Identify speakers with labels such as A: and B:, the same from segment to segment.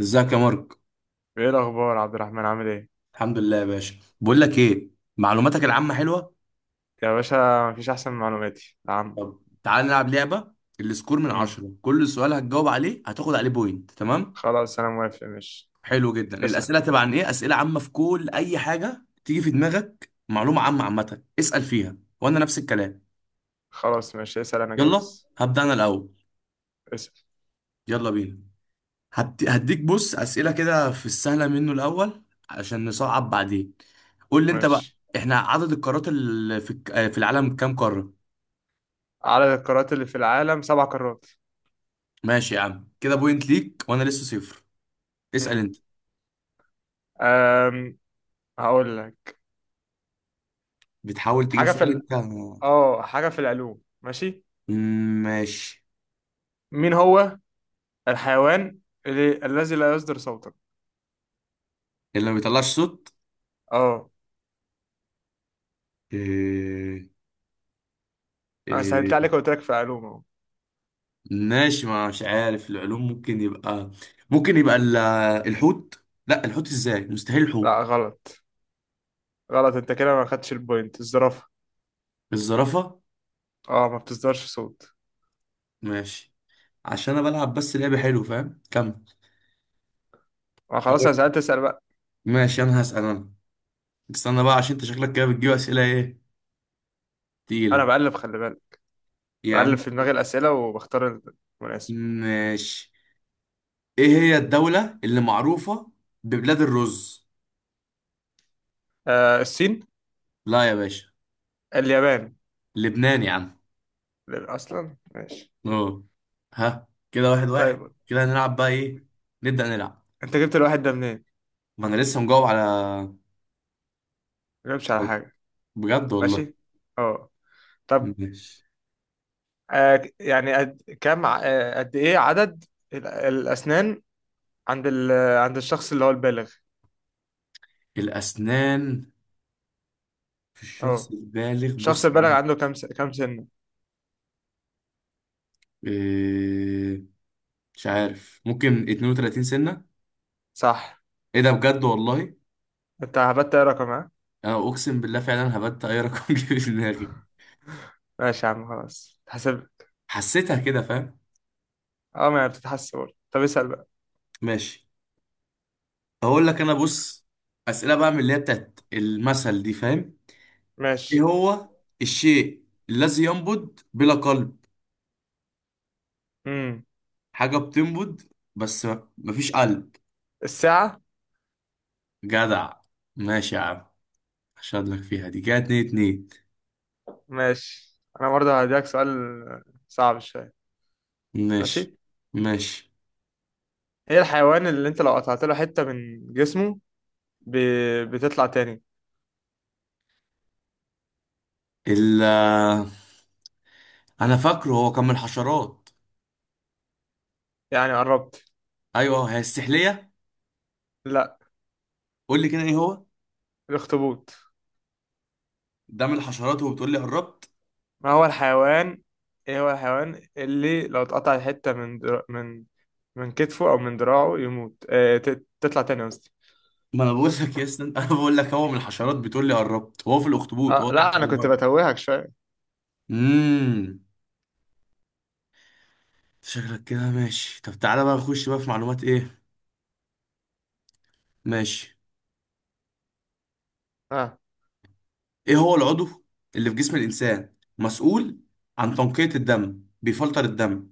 A: ازيك يا مارك.
B: ايه الاخبار عبد الرحمن، عامل ايه؟
A: الحمد لله يا باشا، بقول لك ايه؟ معلوماتك العامه حلوه.
B: يا باشا، مفيش احسن من معلوماتي العامة.
A: طب تعال نلعب لعبه. السكور من
B: امم
A: 10، كل سؤال هتجاوب عليه هتاخد عليه بوينت، تمام؟
B: خلاص انا موافق، ماشي.
A: حلو جدا.
B: اسال.
A: الاسئله هتبقى عن ايه؟ اسئله عامه في كل اي حاجه تيجي في دماغك معلومه عامه. عامه اسال فيها وانا نفس الكلام.
B: خلاص ماشي اسال، انا
A: يلا
B: جاهز.
A: هبدا انا الاول.
B: اسال
A: يلا بينا. هديك. بص اسئله كده في السهله منه الاول عشان نصعب بعدين. قول لي انت بقى.
B: ماشي.
A: احنا عدد القارات اللي في العالم كام قاره؟
B: عدد القارات اللي في العالم سبع قارات.
A: ماشي يا عم، كده بوينت ليك وانا لسه 0. اسأل
B: امم
A: انت.
B: أم... هقول لك.
A: بتحاول تجيب
B: حاجة في
A: سؤال
B: ال...
A: انت.
B: اه حاجة في العلوم ماشي.
A: ماشي.
B: مين هو الحيوان الذي لا يصدر صوتا؟
A: اللي ما بيطلعش صوت.
B: اه،
A: إيه...
B: انا سهلت
A: إيه...
B: عليك وقلت لك في العلوم اهو.
A: ماشي، ما مش عارف العلوم. ممكن يبقى، ممكن يبقى ال- الحوت؟ لا، الحوت ازاي؟ مستحيل الحوت.
B: لا غلط. غلط انت كده، ما خدتش البوينت. الزرافة.
A: الزرافة.
B: اه، ما بتصدرش صوت.
A: ماشي، عشان انا بلعب بس لعبة حلو، فاهم؟ كمل.
B: ما خلاص،
A: أقول
B: انا
A: لك.
B: سألت، اسأل بقى.
A: ماشي انا هسأل انا. استنى بقى عشان انت شكلك كده بتجيب اسئلة ايه،
B: انا
A: تقيلة.
B: بقلب، خلي بالك،
A: يا
B: بقلب
A: عم
B: في دماغي الاسئله وبختار المناسب.
A: ماشي. ايه هي الدولة اللي معروفة ببلاد الرز؟
B: آه الصين.
A: لا يا باشا.
B: اليابان.
A: لبنان يا عم.
B: اصلا ماشي.
A: اه. ها كده 1-1،
B: طيب.
A: كده هنلعب بقى ايه. نبدأ نلعب.
B: انت جبت الواحد ده منين؟
A: ما انا لسه مجاوب على.
B: ما جبتش على حاجه.
A: بجد والله.
B: ماشي. اه. طب.
A: ماشي.
B: آه يعني قد كم ع- آه، قد ايه عدد الاسنان عند عند الشخص اللي هو البالغ؟
A: الأسنان في الشخص
B: اه،
A: البالغ،
B: الشخص
A: بص يا
B: البالغ
A: عم.
B: عنده كم سنه؟
A: إيه... مش عارف، ممكن 32 سنة.
B: صح.
A: ايه ده؟ بجد والله.
B: انت هبت ايه رقم، ها؟
A: انا اقسم بالله فعلا هبت اي رقم جه في دماغي.
B: ماشي يا عم، خلاص تحسب.
A: حسيتها كده، فاهم.
B: اه، ما هي بتتحسب. طب اسال بقى.
A: ماشي. اقول لك انا، بص اسئله بقى من اللي هي بتاعت المثل دي، فاهم. ايه
B: ماشي.
A: هو الشيء الذي ينبض بلا قلب؟
B: امم
A: حاجه بتنبض بس مفيش قلب.
B: الساعه.
A: جدع. ماشي يا عم، اشهد لك فيها دي. كده 2-2.
B: ماشي، انا برضه هديك سؤال صعب شويه. ماشي.
A: ماشي. ماشي.
B: ايه الحيوان اللي انت لو قطعت له حته من جسمه ب... بتطلع تاني؟
A: ال انا فاكره هو كان من الحشرات.
B: يعني قربت.
A: ايوه، هي السحليه.
B: لا.
A: قول لي كده، ايه هو؟
B: الاخطبوط.
A: ده من الحشرات وبتقول لي قربت؟
B: ما هو الحيوان. ايه هو الحيوان اللي لو اتقطع حته من من كتفه او من دراعه يموت، تطلع تاني قصدي.
A: ما انا بقول لك يا اسطى، انا بقول لك هو من الحشرات بتقول لي قربت، هو في الاخطبوط
B: اه
A: هو تحت
B: لا،
A: في
B: انا كنت
A: الميه.
B: بتوهك شويه.
A: امم شكلك كده ماشي. طب تعالى بقى، نخش بقى في معلومات ايه. ماشي.
B: اه،
A: ايه هو العضو اللي في جسم الانسان مسؤول عن تنقية الدم، بيفلتر الدم؟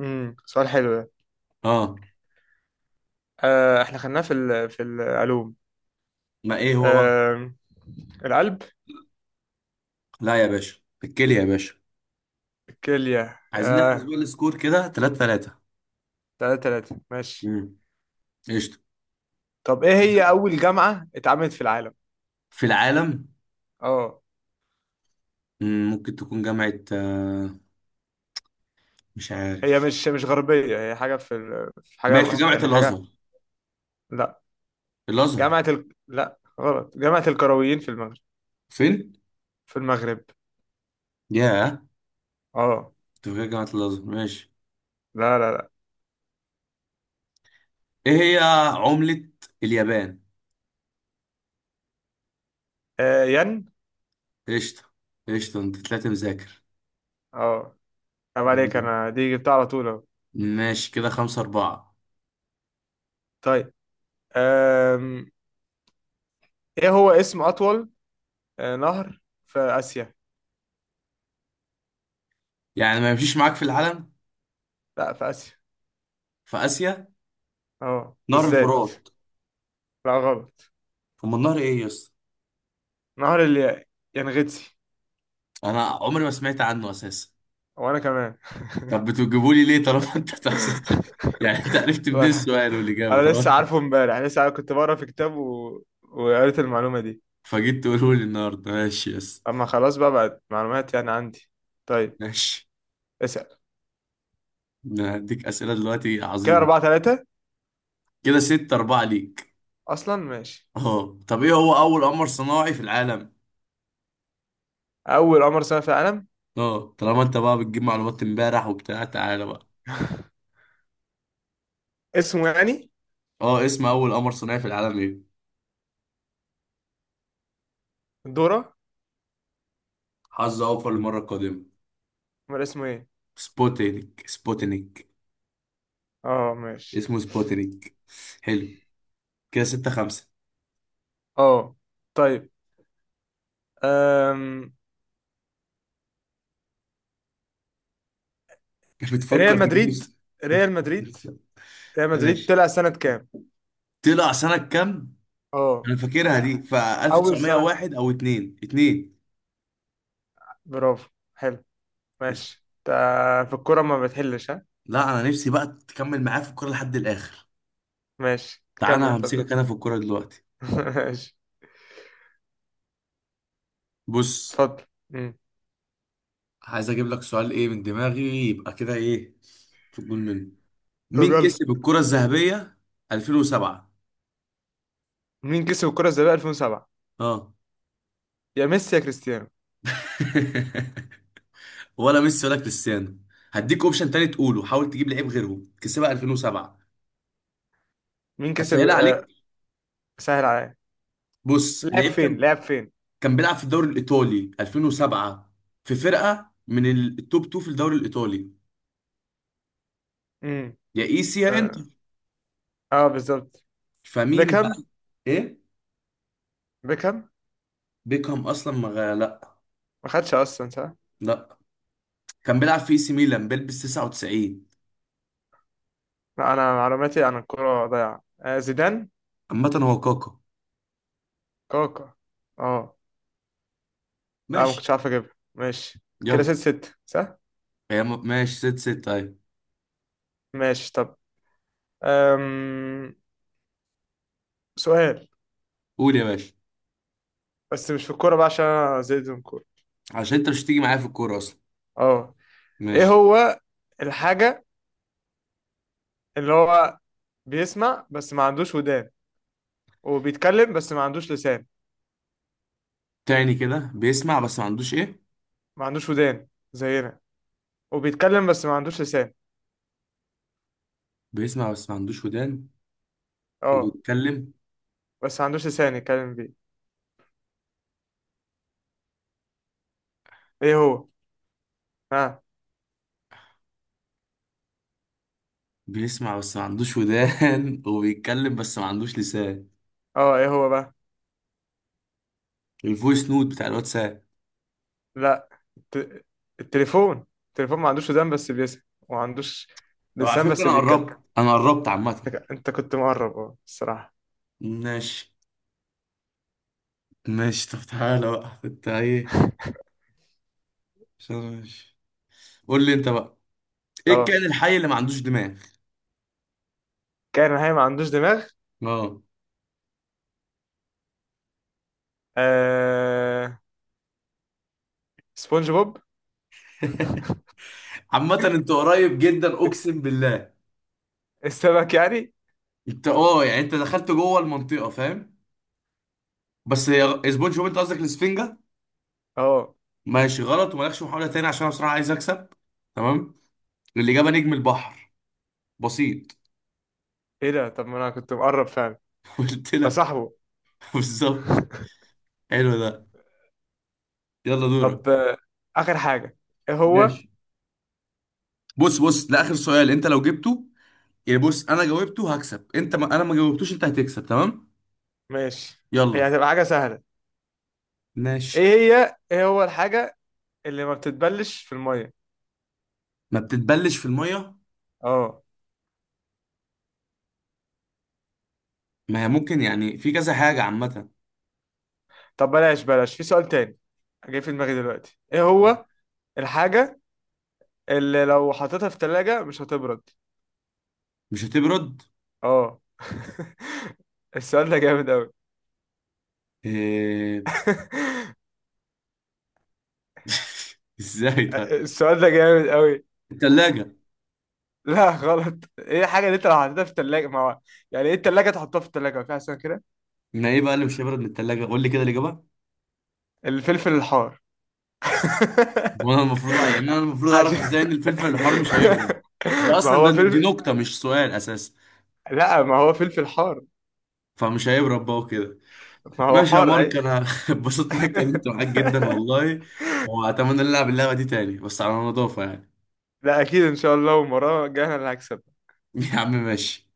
B: سؤال حلو ده.
A: اه.
B: آه، احنا خدناه في العلوم.
A: ما ايه هو بقى؟
B: آه، القلب.
A: لا يا باشا، الكلية يا باشا.
B: الكليه
A: عايزين نحفظ
B: آه.
A: بقى السكور كده 3-3.
B: تلاتة تلاتة ماشي.
A: امم قشطة.
B: طب ايه هي أول جامعة اتعملت في العالم؟
A: في العالم.
B: اه،
A: ممكن تكون جامعة، مش
B: هي
A: عارف.
B: مش غربية، هي في حاجة
A: ماشي،
B: مصر،
A: جامعة
B: يعني حاجة.
A: الأزهر.
B: لا.
A: الأزهر.
B: لا غلط، جامعة القرويين في المغرب.
A: فين؟
B: في المغرب.
A: ياه.
B: اه.
A: كنت فاكر جامعة الأزهر. ماشي.
B: لا لا لا.
A: ايه هي عملة اليابان؟
B: آه ين.
A: قشطة. قشطة، انت طلعت مذاكر.
B: اه. طب عليك،
A: مم.
B: انا دي جبتها على طول اهو.
A: ماشي كده 5-4.
B: طيب. آم... ايه هو اسم أطول نهر في آسيا؟
A: يعني ما يمشيش معاك في العالم؟
B: لا، في آسيا.
A: في آسيا.
B: اه
A: نهر
B: بالذات.
A: الفرات.
B: لا غلط،
A: أما النهر إيه يا اسطى؟
B: نهر اليانغتسي.
A: أنا عمري ما سمعت عنه أساسا.
B: وانا كمان
A: طب بتجيبوا لي ليه طالما أنت تحسن. يعني أنت عرفت منين
B: ولا.
A: السؤال والإجابة
B: انا
A: طالما
B: لسه
A: أنت
B: عارفه، امبارح لسه عارف، كنت بقرا في كتاب وقريت المعلومه دي.
A: فجيت تقوله لي النهاردة؟ ماشي يا اسطى.
B: اما خلاص بقى، بقت معلومات يعني عندي. طيب.
A: ماشي.
B: اسال.
A: أنا هديك أسئلة دلوقتي
B: كده
A: عظيمة.
B: أربعة ثلاثة.
A: كده 6-4 ليك.
B: اصلا ماشي.
A: أه طب، إيه هو أول قمر صناعي في العالم؟
B: اول قمر صنع في العالم.
A: أه، طالما أنت بقى بتجيب معلومات إمبارح وبتاع، تعالى بقى.
B: اسمه يعني.
A: اه، اسم اول قمر صناعي في العالم ايه؟
B: دورة.
A: حظ اوفر للمره القادمه.
B: امال اسمه ايه؟
A: سبوتينيك. سبوتينيك.
B: اه، ماشي.
A: اسمه سبوتينيك. حلو. كده 6-5.
B: اه، طيب. أم... ريال
A: بتفكر تجيب لي
B: مدريد. ريال مدريد ريال مدريد
A: ماشي.
B: طلع سنة كام؟
A: طلع سنة كام؟
B: اه،
A: أنا فاكرها
B: انا.
A: دي ف
B: اول سنة.
A: 1901 أو 2 2.
B: برافو. حلو. ماشي انت. في الكورة ما بتحلش، ها؟
A: لا أنا نفسي بقى تكمل معايا في الكورة لحد الآخر.
B: ماشي
A: تعالى
B: كمل
A: أنا
B: طب.
A: همسكك أنا في الكورة دلوقتي.
B: ماشي،
A: بص.
B: اتفضل. مم.
A: عايز أجيب لك سؤال إيه من دماغي، يبقى كده إيه في الجول منه.
B: طب
A: مين
B: يلا،
A: كسب الكرة الذهبية 2007؟
B: مين كسب الكرة الذهبية 2007؟
A: اه.
B: يا ميسي يا كريستيانو.
A: ولا ميسي ولا كريستيانو. هديك اوبشن تاني تقوله، حاول تجيب لعيب غيرهم كسبها 2007.
B: مين كسب؟
A: اسهلها عليك.
B: سهل عليا.
A: بص،
B: لعب
A: لعيب
B: فين؟
A: كان
B: لعب فين؟
A: بيلعب في الدوري الايطالي 2007. في فرقه من التوب 2 في الدوري الايطالي.
B: امم
A: يا ايسي يا انتر.
B: اه، آه بالظبط.
A: فمين بقى؟
B: بيكهام.
A: ايه؟
B: بيكهام.
A: بيكهام. اصلا ما غ- لا.
B: ما خدش اصلا صح.
A: لا، كان بيلعب في اي سي ميلان بيلبس 99.
B: لا. انا معلوماتي عن الكرة ضايعة. زيدان.
A: عامه هو كاكا.
B: كاكا. اه. لا، ما
A: ماشي.
B: كنتش عارف اجيبها. ماشي. كده
A: يلا.
B: ست ست صح.
A: ماشي 6-6 طيب.
B: ماشي طب. أم... سؤال،
A: قول يا باشا.
B: بس مش في الكورة بقى، عشان انا زهقت من الكورة.
A: عشان انت مش هتيجي معايا في الكوره اصلا.
B: اه. ايه
A: ماشي.
B: هو الحاجة اللي هو بيسمع بس ما عندوش ودان، وبيتكلم بس ما عندوش لسان؟
A: تاني كده، بيسمع بس ما عندوش ايه؟
B: ما عندوش ودان زينا، وبيتكلم بس ما عندوش لسان.
A: بيسمع بس ما عندوش ودان.
B: اه،
A: وبيتكلم.
B: بس ما عندوش لسان يتكلم بيه. ايه هو؟ ها؟
A: بيسمع بس ما عندوش ودان وبيتكلم بس ما عندوش لسان.
B: اه. ايه هو بقى؟
A: الفويس نوت بتاع الواتساب.
B: لا. الت... التليفون ما عندوش ودان بس بيسمع، وما عندوش
A: طب على
B: لسان
A: فكرة
B: بس
A: انا
B: بيتكلم.
A: قربت، انا قربت عامة.
B: أنت كنت مقرب، اه، الصراحة.
A: ماشي. ماشي طب تعالى بقى انت ايه. عشان ماشي. قول لي انت بقى. ايه
B: اه.
A: الكائن الحي اللي ما عندوش دماغ؟
B: كائن حي ما عندوش دماغ.
A: اه.
B: آه... سبونج بوب.
A: عامة انت قريب جدا اقسم بالله.
B: السمك يعني.
A: انت يعني انت دخلت جوه المنطقة، فاهم. بس هي سبونج بوب، انت قصدك الاسفنجة.
B: اه،
A: ماشي غلط ومالكش محاولة تاني عشان انا بصراحة عايز اكسب. تمام. الإجابة نجم البحر. بسيط.
B: ايه ده؟ طب ما انا كنت مقرب فعلا.
A: قلت
B: ده
A: لك.
B: صاحبه.
A: بالظبط. حلو ده. يلا
B: طب
A: دورك.
B: اخر حاجه. ايه هو؟
A: ماشي. بص بص ده آخر سؤال انت لو جبته. يعني بص انا جاوبته هكسب انت، ما انا ما جاوبتوش انت هتكسب، تمام.
B: ماشي. هي
A: يلا.
B: هتبقى حاجه سهله.
A: ماشي.
B: ايه هو الحاجه اللي ما بتتبلش في الميه؟
A: ما بتتبلش في المية.
B: اه.
A: ما هي ممكن يعني في كذا حاجة عامة.
B: طب بلاش بلاش، في سؤال تاني جاي في دماغي دلوقتي. ايه هو الحاجه اللي لو حطيتها في تلاجة مش هتبرد؟
A: مش هتبرد.
B: اه السؤال ده جامد قوي.
A: إيه... ازاي طيب؟
B: السؤال ده جامد قوي.
A: التلاجة.
B: لا غلط. ايه الحاجة اللي انت لو حطيتها في التلاجة؟ ما هو يعني ايه التلاجة، تحطها في التلاجة ما في احسن كده.
A: ما ايه بقى اللي مش هيبرد من التلاجة؟ قول لي كده الإجابة.
B: الفلفل الحار.
A: وانا المفروض، يعني انا المفروض اعرف
B: عشان
A: ازاي ان الفلفل الحار مش هيبرد. دي
B: ما
A: اصلا، ده
B: هو
A: دي
B: فلفل.
A: نكته مش سؤال اساسا.
B: لا، ما هو فلفل حار،
A: فمش هيبرد بقى وكده.
B: ما هو
A: ماشي يا
B: حار
A: مارك.
B: اي.
A: انا اتبسطت اني اتكلمت معاك جدا والله. واتمنى نلعب اللعبه دي تاني بس على نظافه يعني.
B: لا اكيد ان شاء الله، ومرة جاي انا اللي هكسب.
A: يا عم ماشي.